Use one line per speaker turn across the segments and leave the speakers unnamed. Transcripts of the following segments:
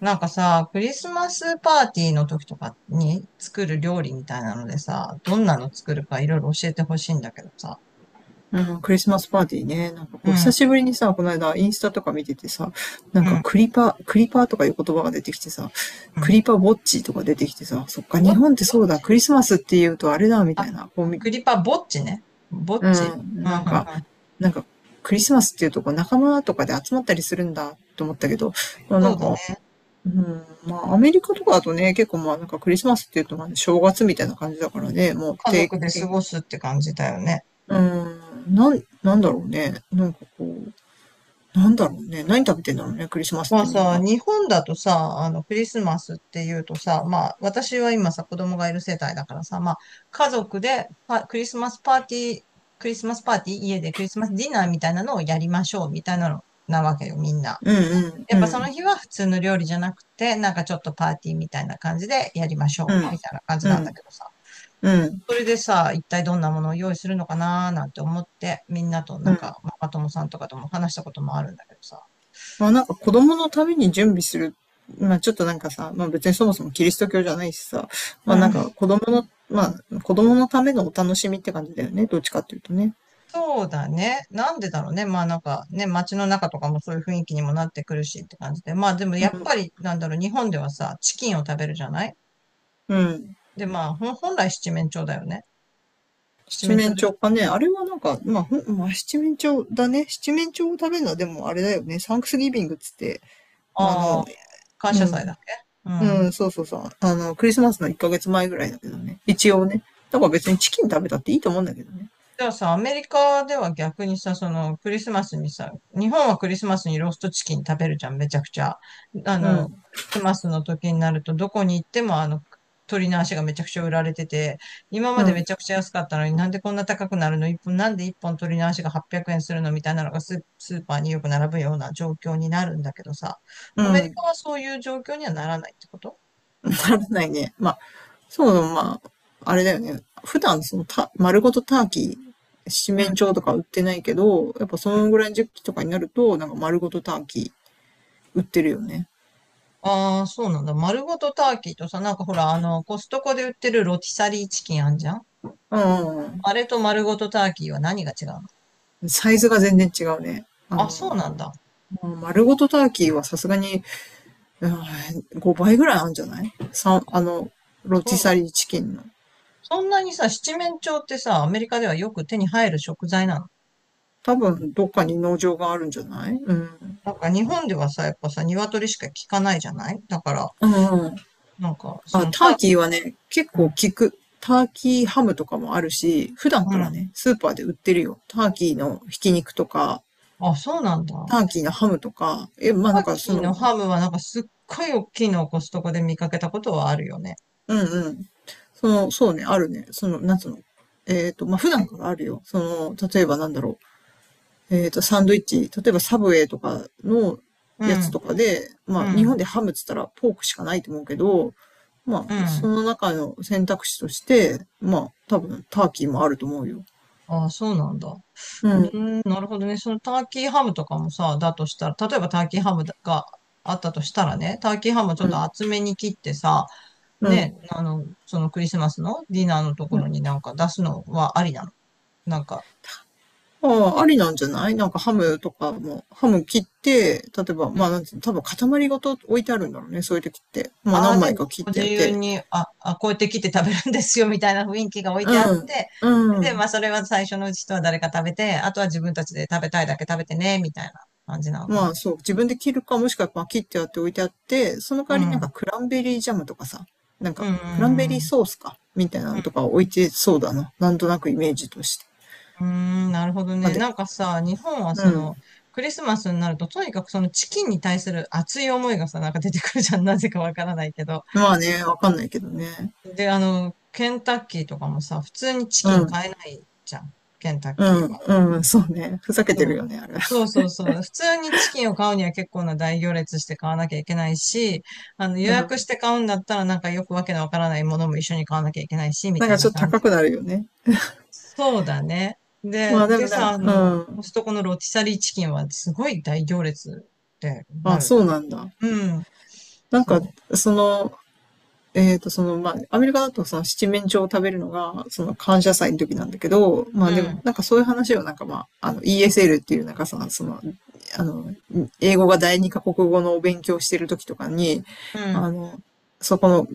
なんかさ、クリスマスパーティーの時とかに作る料理みたいなのでさ、どんなの作るかいろいろ教えてほしいんだけどさ。
うん、クリスマスパーティーね。なんか
うん、
こう、久
う
しぶりにさ、この間インスタとか見ててさ、なんか
ん、
クリパーとかいう言葉が出てきてさ、
う
ク
ん。
リパーウォッチとか出てきてさ、そっか、
ぼ、ぼ
日
っ
本ってそうだ、
ち
クリスマスって言うとあれだ、みたいな。こうみ、
クリパぼっちね。ぼっ
う
ち。
ん、
うん、うん、
なんか、
うん。
なんか、クリスマスっていうとこう仲間とかで集まったりするんだと思ったけど、な
そう
ん
だね。
か、うん、まあアメリカとかだとね、結構まあなんかクリスマスっていうとまあ正月みたいな感じだからね、もう
家
定
族で過
点、
ごすって感じだよね。
うん、なんだろうね。なんかこう、なんだろうね。何食べてんだろうね、クリスマスっ
まあ
てみん
さ、
な。
日本だとさ、あの、クリスマスっていうとさ、まあ、私は今さ、子供がいる世帯だからさ、まあ、家族でパクリスマスパーティー、クリスマスパーティー、家でクリスマスディナーみたいなのをやりましょう、みたいなの、なわけよ、みんな。
うんうん
や
う
っぱその
ん
日は普通の料理じゃなくて、なんかちょっとパーティーみたいな感じでやりまし
う
ょう、
ん
みたいな感じ
う
なんだ
ん
けどさ。
うん
それでさ、一体どんなものを用意するのかなーなんて思って、みんなとな
う
ん
ん。
か、ママ友さんとかとも話したこともあるんだけどさ。
まあなんか子供のために準備する。まあちょっとなんかさ、まあ別にそもそもキリスト教じゃないしさ、
う
まあなん
ん。
か子供のためのお楽しみって感じだよね。どっちかっていうとね。
そうだね。なんでだろうね。まあなんかね、街の中とかもそういう雰囲気にもなってくるしって感じで。まあでも
う
やっ
ん
ぱりなんだろう、日本ではさ、チキンを食べるじゃない？
うん。
で、まあ本来七面鳥だよね。七
七
面鳥
面
でし
鳥か
ょ？
ね。あれはなんか、まあ、七面鳥だね。七面鳥を食べるのはでもあれだよね。サンクスギビングっつって、あ
ああ
の、
ー、感
う
謝祭だ
ん。
っけ？う
う
ん。
ん、そうそうそう。クリスマスの1ヶ月前ぐらいだけどね。一応ね。だから別にチキン食べたっていいと思うんだけどね。
じゃあさ、アメリカでは逆にさ、そのクリスマスにさ、日本はクリスマスにローストチキン食べるじゃん、めちゃくちゃ。あ
う
の、
ん、
クリスマスの時になるとどこに行ってもあの、鳥の足がめちゃくちゃ売られてて、今ま
う
でめ
ん、
ちゃくちゃ安かったのになんでこんな高くなるの一本、なんで一本鳥の足が800円するのみたいなのがスーパーによく並ぶような状況になるんだけどさ、
う
アメリ
ん。
カはそういう状況にはならないってこと？
ならないね。まあ、そうだ、まあ、あれだよね。普段そのた、丸ごとターキー、七
うん。
面鳥とか売ってないけど、やっぱそのぐらいの時期とかになると、なんか丸ごとターキー売ってるよね。
ああ、そうなんだ。丸ごとターキーとさ、なんかほら、あの、コストコで売ってるロティサリーチキンあんじゃん？
うん、うん
あれと丸ごとターキーは何が違うの？
うん。サイズが全然違うね。
あ、そうなんだ。
まあ丸ごとターキーはさすがに5倍ぐらいあるんじゃない？三あの、ロ
そう
ティ
なん
サ
だ。
リーチキンの。
そんなにさ、七面鳥ってさ、アメリカではよく手に入る食材なの？
多分、どっかに農場があるんじゃない？うん。
なんか日本ではさ、やっぱさ、鶏しか効かないじゃない、だから、
うんうん。
なんか、そ
あ、
のタ
タ
ー
ーキーはね、結
キー、
構効
う
く。ターキーハムとかもあるし、普段
ん。う
から
ん。
ね、スーパーで売ってるよ。ターキーのひき肉とか、
あ、そうなんだ。タ
ターキーのハムとか、まあなん
ー
か
キ
そ
ー
の、
のハムはなんかすっごい大きいのをコストコで見かけたことはあるよね。
うんうん。その、そうね、あるね。その、なんつうの。まあ普段からあるよ。その、例えばなんだろう。サンドイッチ、例えばサブウェイとかの
う
やつ
ん、
とかで、ま
う
あ、日
ん、
本でハムっつったらポークしかないと思うけど、ま
う
あ、そ
ん。
の中の選択肢として、まあ、多分、ターキーもあると思うよ。
ああ、そうなんだ。
う
うー
ん、
ん、なるほどね。そのターキーハムとかもさ、だとしたら、例えばターキーハムがあったとしたらね、ターキーハムをちょっ
う
と
ん、
厚めに切ってさ、
うん。
ね、あの、そのクリスマスのディナーのところになんか出すのはありなの？なんか、
ああ、ありなんじゃない？なんかハ
う
ム
ん、
とかも、ハム切って、例えば、まあ、なんていうの、多分塊ごと置いてあるんだろうね、そういう時って。まあ、
ああ、
何
で、
枚か切っ
ご
て
自
やっ
由
て。
に、あ、あ、こうやって切って食べるんですよ、みたいな雰囲気が置いてあっ
うん、
て、
う
で、ま
ん。
あ、それは最初のうちとは誰か食べて、あとは自分たちで食べたいだけ食べてね、みたいな感じなのかな。
まあそう、自分で切るか、もしくはまあ切ってあって置いてあって、その代
う
わりなんか
ん。
クランベリージャムとかさ、なん
うん、
か
うん、
クランベ
う
リー
ん。
ソースか、みたいなのとか置いてそうだな。なんとなくイメージとして。
うーん、なるほど
まあ
ね。
で、
なんかさ、日本は
う
そ
ん。
の、クリスマスになると、とにかくそのチキンに対する熱い思いがさ、なんか出てくるじゃん。なぜかわからないけど。
まあね、わかんないけどね。
で、あの、ケンタッキーとかもさ、普通にチキ
う
ン
ん、
買えないじゃん。ケンタッ
う
キー
ん、
は。
うん、そうね。ふざけてるよね、あれ。
そうそうそうそう。普通にチキンを買うには結構な大行列して買わなきゃいけないし、あの、予
う
約し
ん。
て買うんだったらなんかよくわけのわからないものも一緒に買わなきゃいけないし、み
なん
たい
かち
な
ょっと
感。
高くなるよね。
そうだね。
ま
で、
あで
で
もな
さ、
ん
あ
か、う
の、コス
ん。
トコのロティサリーチキンはすごい大行列ってな
あ、
る
そ
っ
う
て。
なんだ。
うん。
なんか、
そ
その、その、まあ、アメリカだとその七面鳥を食べるのが、その感謝祭の時なんだけど、まあでも、
う。
なんかそういう話をなんかまあ、あの ESL っていうなんかさ、その、あの、英語が第二カ国語のお勉強してる時とかに、
うん、うん、
あの、そこの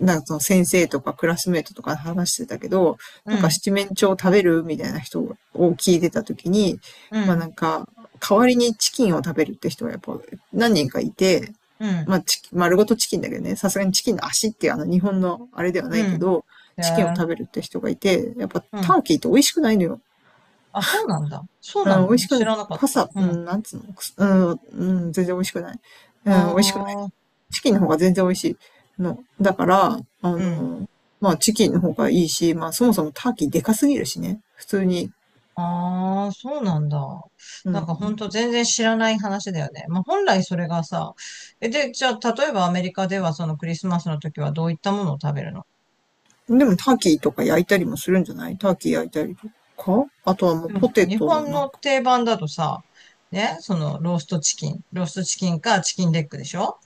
なんかその先生とかクラスメートとか話してたけど、
う
なんか
ん、
七面鳥食べるみたいな人を聞いてた時に、
う
まあ
ん、
なんか、代わりにチキンを食べるって人がやっぱ何人かいて、
うん、
まあチキン、丸ごとチキンだけどね、さすがにチキンの足っていうあの日本のあれではな
う
いけ
ん。
ど、
へ
チキンを
え。
食べるって人がいて、やっぱ
う
タ
ん。
ーキーって美味しくないのよ。
あ、そうなんだ。そうな
うん、美味
の
し
知
く、
らなかっ
パ
た。
サ、
う
う
ん。
ん、なんつうの、うん、うん、全然美味しくない。うん、美味しく
ああ、
チキンの方が全然美味しいの。だから、
うん。
まあチキンの方がいいし、まあそもそもターキーでかすぎるしね。普通に。
ああ、そうなんだ。
う
なんかほ
ん。
んと全然知らない話だよね。まあ本来それがさ、え、で、じゃあ例えばアメリカではそのクリスマスの時はどういったものを食べるの？
でもターキーとか焼いたりもするんじゃない？ターキー焼いたりとか。あとはもう
でもほ
ポ
ら
テ
日
トも
本
なん
の
か。
定番だとさ、ね、そのローストチキン、ローストチキンかチキンレッグでしょ？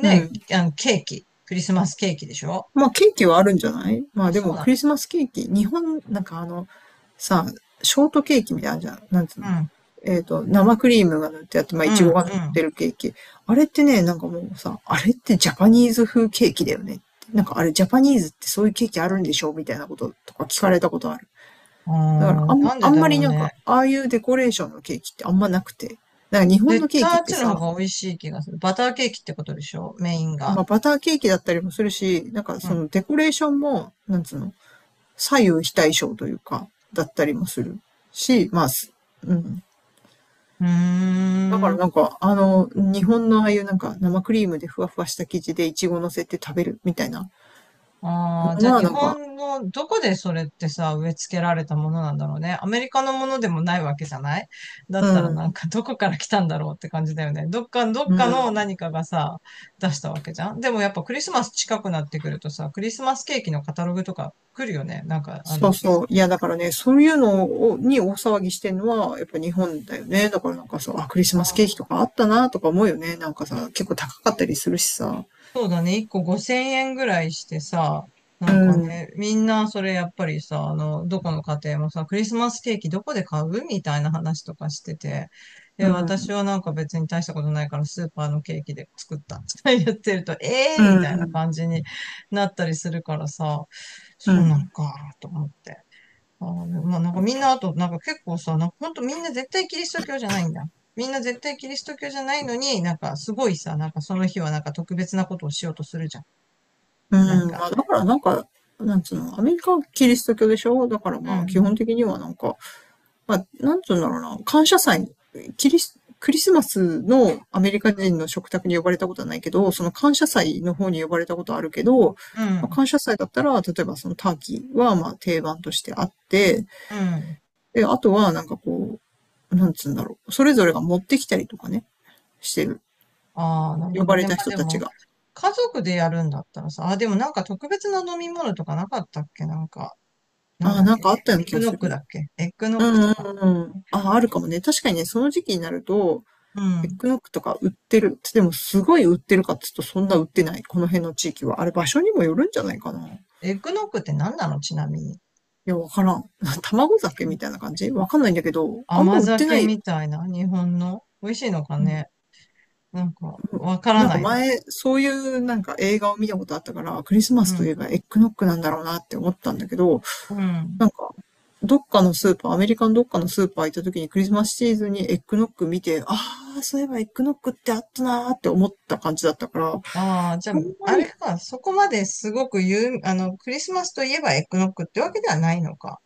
うん。
あのケーキ、クリスマスケーキでしょ？
まあケーキはあるんじゃない？ま
あ、
あで
そう
も
なの？
クリスマスケーキ、日本、なんかさ、ショートケーキみたいなのあるじゃん。なんつう
う
の？
ん、
生クリームが塗ってあって、まあ
う
いちごが塗っ
ん、
てるケーキ。あれってね、なんかもうさ、あれってジャパニーズ風ケーキだよね？なんかあれジャパニーズってそういうケーキあるんでしょ？みたいなこととか聞かれたことある。
う
だから
ん。あ
あ
ー、
ん、
なん
あ
で
ん
だ
まり
ろう
なん
ね。
か、ああいうデコレーションのケーキってあんまなくて。なんか日本の
絶
ケーキっ
対あっ
て
ちの
さ、
方が美味しい気がする。バターケーキってことでしょ？メインが。
まあバターケーキだったりもするし、なんか
う
そ
ん。
のデコレーションも、なんつうの、左右非対称というか、だったりもするし、まあ、うん。
うー
だか
ん。
らなんか、日本のああいうなんか生クリームでふわふわした生地でイチゴ乗せて食べるみたいな
ああ、じゃ
の
あ
は
日
なんか、
本のどこでそれってさ、植え付けられたものなんだろうね。アメリカのものでもないわけじゃない？だっ
う
たら
ん、
なんか どこから来たんだろうって感じだよね。どっか、どっ
う
かの
ん、
何かがさ、出したわけじゃん。でもやっぱクリスマス近くなってくるとさ、クリスマスケーキのカタログとか来るよね。なんかあ
そ
の、
うそう。いや、だからね、そういうのに大騒ぎしてるのは、やっぱ日本だよね。だからなんかさ、あ、クリスマスケー
あ、
キとかあったなとか思うよね。なんかさ、結構高かったりするしさ。
そうだね、1個5000円ぐらいしてさ、な
う
んか
ん、うん、
ね、みんなそれやっぱりさ、あの、どこの家庭もさ、クリスマスケーキどこで買うみたいな話とかしてて、
う
で、私
ん、
はなんか別に大したことないからスーパーのケーキで作ったって言 ってると、ええ
う
ー、みたいな
ん、
感じになったりするからさ、
う
そうなの
ん。
か、と思って。あーまあ、なんかみんなあと、なんか結構さ、なんかほんとみんな絶対キリスト教じゃないんだ。みんな絶対キリスト教じゃないのに、なんかすごいさ、なんかその日はなんか特別なことをしようとするじゃん。
う
なん
ん、
か、
まあだからなんか、なんつうの、アメリカはキリスト教でしょ？だから
う
まあ基
ん、
本的にはなんか、まあなんつうんだろうな、感謝祭、キリス、クリスマスのアメリカ人の食卓に呼ばれたことはないけど、その感謝祭の方に呼ばれたことはあるけど、
う
まあ、
ん、
感謝祭だったら、例えばそのターキーはまあ定番としてあって、
うん。
で、あとはなんかこう、なんつうんだろう、それぞれが持ってきたりとかね、してる。
ああ、なる
呼
ほど
ば
ね。
れ
ま
た
あ
人
で
たち
も、
が。
家族でやるんだったらさ、あ、でもなんか特別な飲み物とかなかったっけ？なんか、なん
ああ、
だっ
なん
け
かあったような
エッ
気
グ
が
ノッ
す
クだ
る。
っけエッグノ
う
ック
ん
と
う
か。
んうん。ああ、るかもね。確かにね、その時期になると、
う
エッ
ん。
グノックとか売ってる。でも、すごい売ってるかっつうと、そんな売ってない。この辺の地域は。あれ、場所にもよるんじゃないかな。い
エッグノックって何なの？ちなみに。
や、わからん。卵酒みたいな感じ？わかんないんだけど、あんま
甘
売ってな
酒
いよ。
みたいな、日本の。美味しいのか
う
ね？
ん。
なんか、わから
なんか
ないね。
前、そういうなんか映画を見たことあったから、クリスマ
う
スとい
ん。
えばエッグノックなんだろうなって思ったんだけど、
うん。
なんか、どっかのスーパー、アメリカのどっかのスーパー行った時にクリスマスシーズンにエッグノッグ見て、ああ、そういえばエッグノッグってあったなーって思った感じだったから、あん
ああ、じゃあ、
ま
あれ
り、
か、そこまですごく有、あの、クリスマスといえばエッグノックってわけではないのか。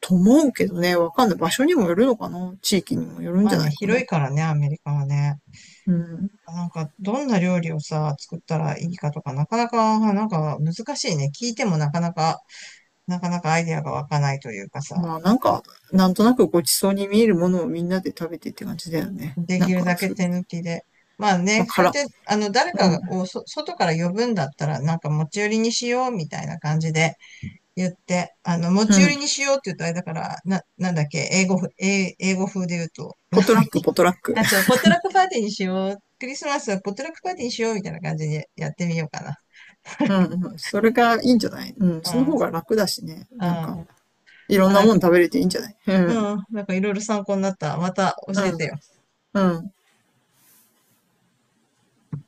と思うけどね、わかんない。場所にもよるのかな？地域にもよるん
ま
じ
あ
ゃな
ね、
いか
広い
な。
からね、アメリカはね。
うん。
なんか、どんな料理をさ、作ったらいいかとか、なかなか、なんか難しいね。聞いてもなかなか、なかなかアイデアが湧かないというかさ、
まあなんか、なんとなくごちそうに見えるものをみんなで食べてって感じだよね。
で
な
き
ん
る
か、
だけ
そうい
手
う、
抜きで。まあ
ま
ね、
あ、
そうやっ
辛。
て、あの、誰
う
か
ん。
をそ、外から呼ぶんだったら、なんか持ち寄りにしようみたいな感じで、言って、あの、持ち
う
寄り
ん。
にしようって言うとあれだから、なんだっけ、英語風で言うと、なん
ポ
だ
ト
っけ。
ラック、ポトラック。
あ、そう、ポットラックパーティーにしよう。クリスマスはポットラックパーティーにしようみたいな感じでやってみようかな。
うん、うん。それがいいんじゃない？うん。
う
その
ん。
方が楽だしね。なん
あ、
か、いろ
ま
ん
あ、
な
なん
も
か、
ん食べれていいんじゃない？う
う
ん。
ん、なんかいろいろ参考になった。また教
う
え
ん、
てよ。
うん。